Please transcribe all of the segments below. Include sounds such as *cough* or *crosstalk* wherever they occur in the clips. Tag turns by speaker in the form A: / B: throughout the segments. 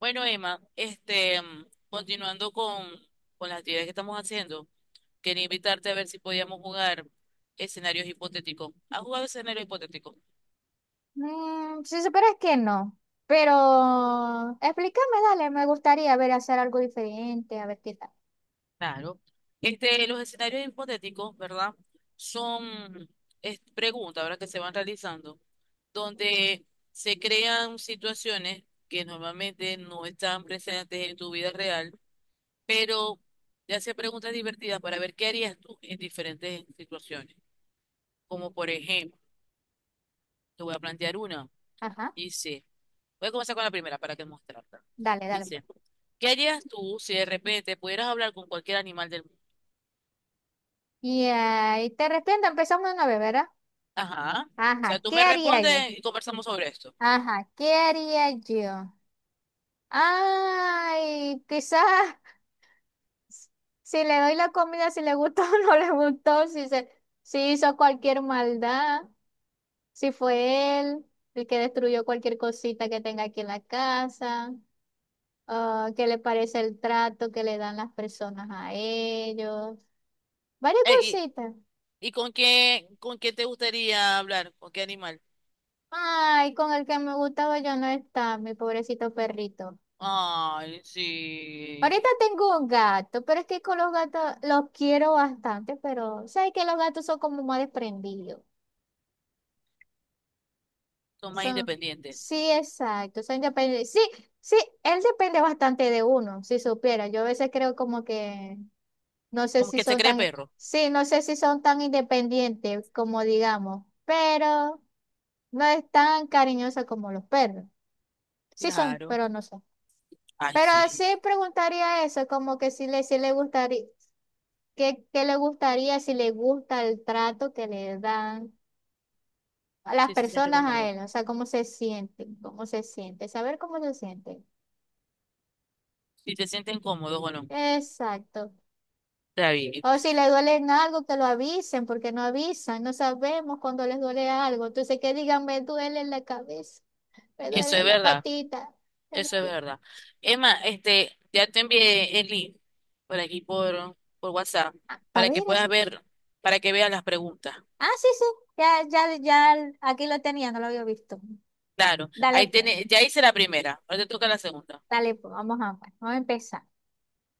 A: Bueno, Emma, continuando con las actividades que estamos haciendo, quería invitarte a ver si podíamos jugar escenarios hipotéticos. ¿Has jugado escenarios hipotéticos?
B: Si supieras que no, pero explícame, dale, me gustaría ver hacer algo diferente, a ver qué tal.
A: Claro. Los escenarios hipotéticos, ¿verdad? Son preguntas, ¿verdad? Que se van realizando, donde se crean situaciones que normalmente no están presentes en tu vida real, pero te hace preguntas divertidas para ver qué harías tú en diferentes situaciones. Como por ejemplo, te voy a plantear una.
B: Ajá,
A: Dice, voy a comenzar con la primera para que mostrarte.
B: dale, dale,
A: Dice,
B: pues.
A: ¿qué harías tú si de repente pudieras hablar con cualquier animal del mundo?
B: Y ahí te respondo, empezamos de nuevo, ¿verdad?
A: Ajá. O
B: Ajá,
A: sea, tú
B: ¿qué
A: me
B: haría yo?
A: respondes y conversamos sobre esto.
B: Ajá, ¿qué haría yo? Ay, quizás si le doy la comida, si le gustó *laughs* o no le gustó, si hizo cualquier maldad, si fue él el que destruyó cualquier cosita que tenga aquí en la casa. Ah, qué le parece el trato que le dan las personas a ellos, varias
A: Eh,
B: cositas.
A: y, ¿y con con qué te gustaría hablar? ¿Con qué animal?
B: Ay, con el que me gustaba yo no está, mi pobrecito perrito.
A: Ay, sí.
B: Ahorita tengo un gato, pero es que con los gatos los quiero bastante, pero sabes que los gatos son como más desprendidos.
A: Son más
B: Son,
A: independientes.
B: sí, exacto, son independientes. Sí, sí, él depende bastante de uno, si supiera. Yo a veces creo como que no sé
A: Como
B: si
A: que se
B: son
A: cree
B: tan,
A: perro.
B: sí, no sé si son tan independientes como digamos, pero no es tan cariñosa como los perros. Sí son,
A: Claro.
B: pero no son.
A: Ay,
B: Pero
A: sí.
B: sí preguntaría eso, como que si le gustaría, qué le gustaría, si le gusta el trato que le dan a las
A: Sí, se siente
B: personas a
A: cómodo.
B: él, o sea, cómo se sienten, cómo se siente, saber cómo se siente.
A: Si te sienten cómodos, bueno,
B: Exacto.
A: está bien.
B: O si les duele en algo, que lo avisen, porque no avisan, no sabemos cuando les duele algo. Entonces, que digan, me duele la cabeza, me
A: Eso
B: duele
A: es
B: la
A: verdad.
B: patita.
A: Eso es verdad. Emma, ya te envié el link por aquí por WhatsApp
B: Ah, a
A: para que
B: ver,
A: puedas
B: así.
A: ver, para que veas las preguntas.
B: Ah, sí, sí, ya, aquí lo tenía, no lo había visto.
A: Claro,
B: Dale
A: ahí
B: pues,
A: tiene, ya hice la primera, ahora te toca la segunda.
B: dale pues, vamos a ver, vamos a empezar.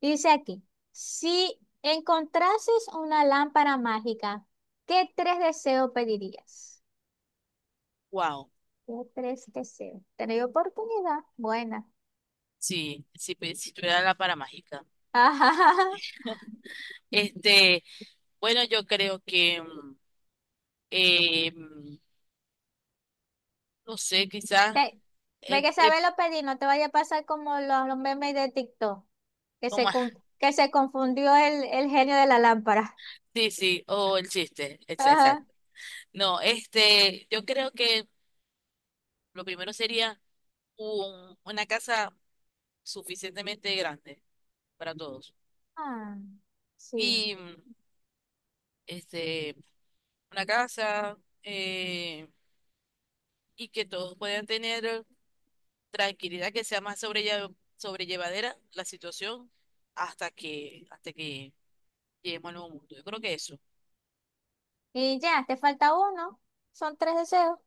B: Dice aquí, si encontrases una lámpara mágica, ¿qué tres deseos pedirías?
A: Wow,
B: ¿Qué tres deseos? ¿Tenéis oportunidad? Buena.
A: sí, si tuviera la para mágica.
B: *laughs* Ajá.
A: Este, bueno, yo creo que, eh, mm, no sé, quizás,
B: Te- Ve
A: eh,
B: que
A: eh,
B: sabes lo pedí, no te vaya a pasar como los memes de TikTok,
A: o más
B: que se confundió el genio de la lámpara.
A: sí, sí, o el chiste,
B: Ajá.
A: exacto. No, yo creo que lo primero sería una casa suficientemente grande para todos.
B: Ah, sí.
A: Y mm, este, una casa eh, y que todos puedan tener tranquilidad, que sea más sobrellevadera la situación hasta que lleguemos al nuevo mundo. Yo creo que eso. O
B: Y ya, te falta uno. Son tres deseos.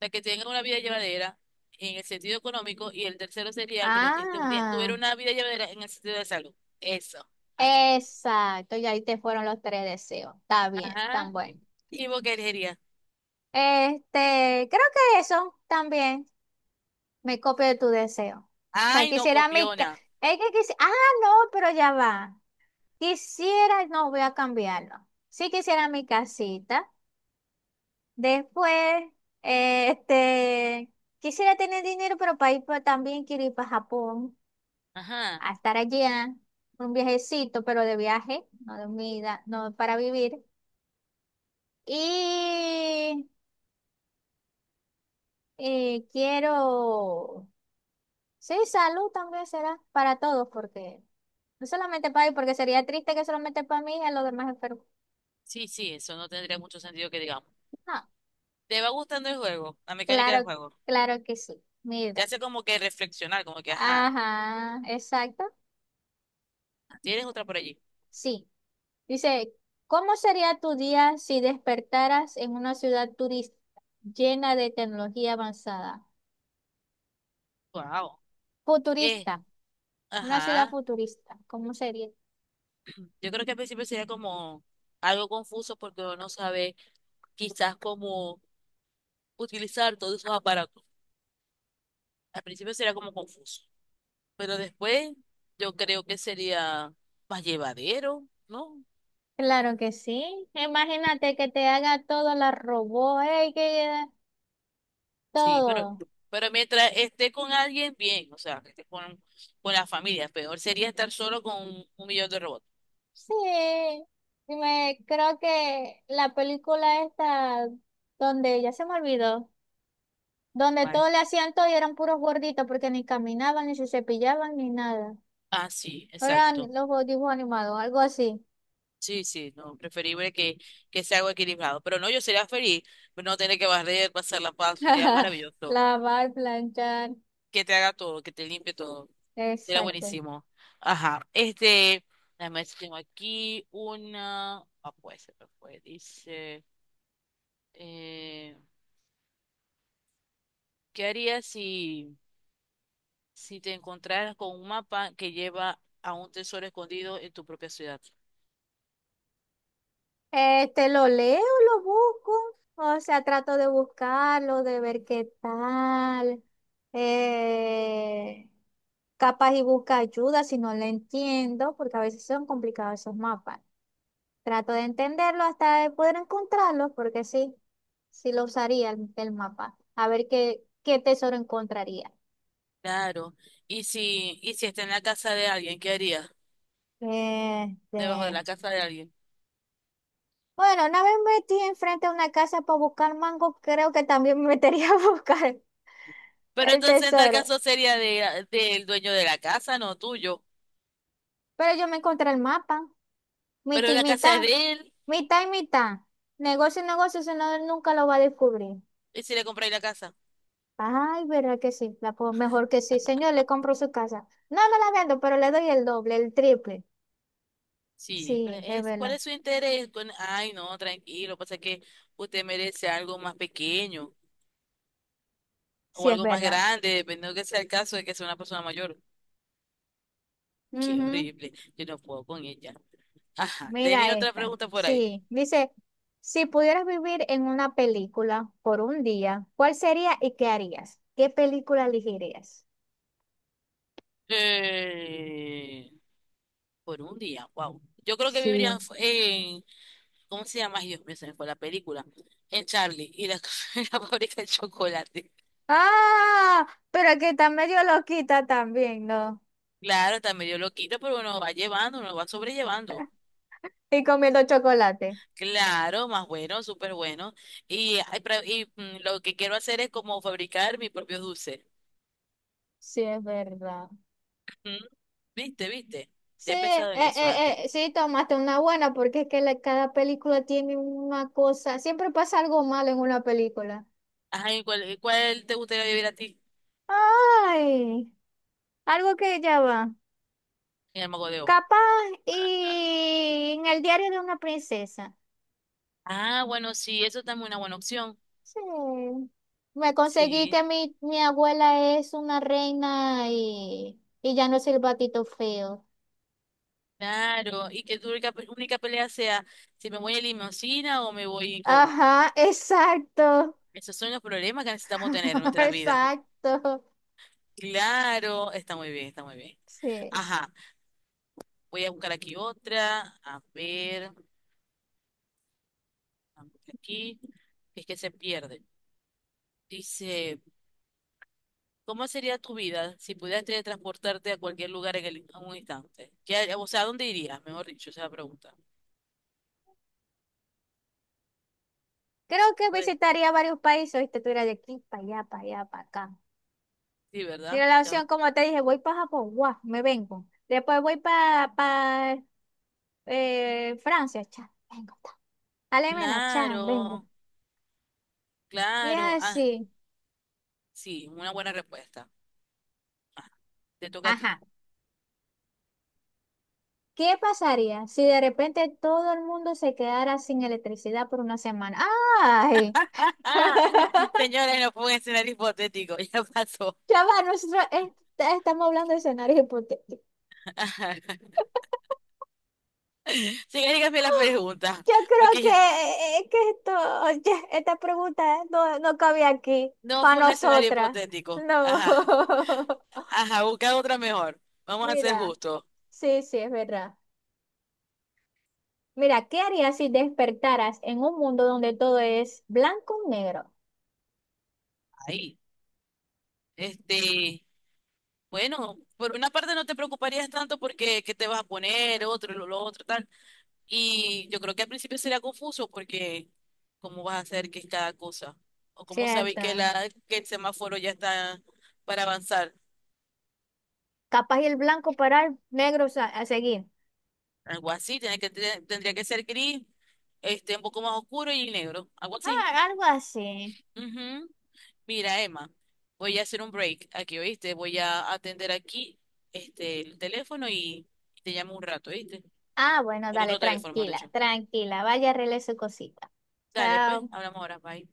A: sea, que tengan una vida llevadera en el sentido económico y el tercero sería que los
B: Ah,
A: tuvieran una vida llevadera en el sentido de salud. Eso, así.
B: exacto. Y ahí te fueron los tres deseos. Está bien, tan
A: Ajá,
B: bueno.
A: ¿y vos qué elegirías?
B: Este, creo que eso también me copio de tu deseo. O sea,
A: Ay, no,
B: quisiera mi...
A: copiona.
B: Ah, no, pero ya va. Quisiera, no voy a cambiarlo. Sí quisiera mi casita. Después, este, quisiera tener dinero, pero también quiero ir para Japón,
A: Ajá.
B: a estar allá, un viajecito, pero de viaje, no de vida, no para vivir. Y quiero, sí, salud también será para todos, porque no solamente para mí, porque sería triste que solamente para mí y a los demás enfermos.
A: Sí, sí, eso no tendría mucho sentido que digamos.
B: No,
A: Te va gustando el juego, la mecánica del
B: claro,
A: juego.
B: claro que sí.
A: Te
B: Mira.
A: hace como que reflexionar, como que, ajá,
B: Ajá, exacto.
A: tienes otra por allí.
B: Sí. Dice, ¿cómo sería tu día si despertaras en una ciudad turista llena de tecnología avanzada?
A: Wow. Eh,
B: Futurista, una ciudad
A: ajá.
B: futurista. ¿Cómo sería?
A: Yo creo que al principio sería como algo confuso porque uno no sabe quizás cómo utilizar todos esos aparatos. Al principio sería como confuso, pero después yo creo que sería más llevadero, ¿no?
B: Claro que sí. Imagínate que te haga todo la robot, que
A: Sí, pero,
B: todo.
A: pero mientras esté con alguien, bien, o sea, que esté con la familia, peor sería estar solo con un millón de robots.
B: Sí. Y me creo que la película esta donde ya se me olvidó. Donde
A: Vale.
B: todo le hacían todo y eran puros gorditos porque ni caminaban, ni se cepillaban, ni nada.
A: Ah, sí, exacto.
B: Eran los dibujos animados, algo así.
A: Sí, sí, no, que sea algo equilibrado. Pero no, yo sería feliz, pero no tener que barrer, pasar la paz, sería
B: *laughs*
A: maravilloso.
B: Lavar, planchar.
A: Que te haga todo, que te limpie todo, sería
B: Exacto.
A: buenísimo. Ajá, déjame ver si tengo aquí una, ah, pues se me fue, dice, eh, ¿qué haría si si te encontraras con un mapa que lleva a un tesoro escondido en tu propia ciudad.
B: Te lo leo, lo busco, o sea, trato de buscarlo, de ver qué tal. Eh, capaz y busca ayuda si no lo entiendo, porque a veces son complicados esos mapas. Trato de entenderlo hasta de poder encontrarlo, porque sí, sí lo usaría el mapa. A ver qué tesoro encontraría.
A: Claro. Y si está en la casa de alguien, ¿qué harías? Debajo de la
B: Este,
A: casa de alguien.
B: bueno, una vez metí enfrente de una casa para buscar mango, creo que también me metería *laughs* a buscar
A: Pero
B: el
A: entonces en tal
B: tesoro.
A: caso sería del dueño de la casa, no tuyo.
B: Pero yo me encontré el mapa, mitad
A: Pero
B: y
A: la casa es
B: mitad,
A: de él.
B: mitad y mitad. Negocio y negocio, si no, él nunca lo va a descubrir.
A: ¿Y si le compráis la casa?
B: Ay, verdad que sí, mejor que sí. Señor, le compro su casa. No me la vendo, pero le doy el doble, el triple.
A: Sí,
B: Sí, es
A: ¿cuál
B: verdad,
A: es su interés? Ay, no, tranquilo, pasa que usted merece algo más pequeño o
B: sí es
A: algo más
B: verdad.
A: grande, dependiendo que sea el caso de que sea una persona mayor. Qué
B: Ujú.
A: horrible. Yo no puedo con ella. Ajá.
B: Mira
A: Tenía otra
B: esta.
A: pregunta por ahí.
B: Sí, dice, si pudieras vivir en una película por un día, ¿cuál sería y qué harías? ¿Qué película elegirías?
A: Eh, por un día, wow. Yo creo que
B: Sí.
A: vivirían ¿cómo se llama? Ay, Dios mío, se me fue la película. En Charlie y la, *laughs* la fábrica de chocolate.
B: Ah, pero que está medio loquita también, ¿no?
A: Claro, también yo lo quito, pero uno va llevando, uno va sobrellevando.
B: *laughs* Y comiendo chocolate.
A: Claro, más bueno, súper bueno. Y, ay, lo que quiero hacer es como fabricar mi propio dulce.
B: Sí, es verdad.
A: Ujú. ¿Viste, viste?
B: Sí,
A: Ya he pensado en eso antes.
B: sí, tomaste una buena porque es que cada película tiene una cosa. Siempre pasa algo malo en una película.
A: Ajá, ¿y cuál te gustaría vivir a ti
B: Ay, algo que ya va.
A: en el Mago de Oz?
B: Capaz y en el diario de una princesa.
A: Ah, bueno, sí, eso también es una buena opción.
B: Sí. Me conseguí que
A: Sí,
B: mi abuela es una reina y ya no es el batito feo.
A: claro. Y que tu única pelea sea si me voy en limusina o me voy como.
B: Ajá, exacto.
A: Esos son los problemas que necesitamos tener en
B: *laughs*
A: nuestras vidas.
B: Exacto.
A: Claro, está muy bien, está muy bien.
B: Sí.
A: Ajá, voy a buscar aquí otra. A ver, vamos aquí. Es que se pierde. Dice, ¿cómo sería tu vida si pudieras teletransportarte a cualquier lugar en un instante? ¿Qué har- o sea, ¿A dónde irías? Mejor dicho, esa es la pregunta. Sí,
B: Creo que
A: puedes.
B: visitaría varios países. Viste, tú eras de aquí para allá, para allá, para acá.
A: Sí,
B: Mi
A: ¿verdad? Ya.
B: relación, como te dije, voy para Japón, guau, me vengo. Después voy para Francia, cha, vengo. Ta. Alemania, cha, vengo.
A: Claro,
B: Y
A: claro. Ah,
B: así,
A: sí, una buena respuesta. Ah, te toca a ti.
B: ajá.
A: *laughs*
B: ¿Qué pasaría si de repente todo el mundo se quedara sin electricidad por una semana? ¡Ay!
A: Ah,
B: *laughs*
A: señores, no fue un escenario hipotético, *laughs* ya pasó.
B: Ya va, nosotros estamos hablando de escenarios hipotéticos.
A: Ajá. Sí, hay que la pregunta,
B: Yo creo
A: porque
B: que, esta pregunta no cabe aquí
A: no
B: para
A: fue un escenario
B: nosotras.
A: hipotético.
B: No.
A: Ajá,
B: *laughs*
A: ajá, busca otra mejor. Vamos a ser
B: Mira,
A: justos.
B: sí, sí, es verdad. Mira, ¿qué harías si despertaras en un mundo donde todo es blanco y negro?
A: Ahí. Este. Bueno, por una parte no te preocuparías tanto porque qué te vas a poner, otro, lo otro, tal. Y yo creo que al principio sería confuso porque cómo vas a hacer qué es cada cosa. O cómo sabéis
B: Cierto.
A: que el semáforo ya está para avanzar.
B: Capaz y el blanco parar, a seguir.
A: Algo así, tendría que ser gris, un poco más oscuro y negro. Algo así.
B: Ah, algo así.
A: Ujú. Mira, Emma, voy a hacer un break aquí, ¿oíste? Voy a atender aquí el teléfono y te llamo un rato, ¿oíste?
B: Ah, bueno,
A: El
B: dale,
A: otro teléfono, mejor
B: tranquila,
A: dicho.
B: tranquila. Vaya, arregle su cosita.
A: Dale, pues,
B: Chao.
A: hablamos ahora, bye.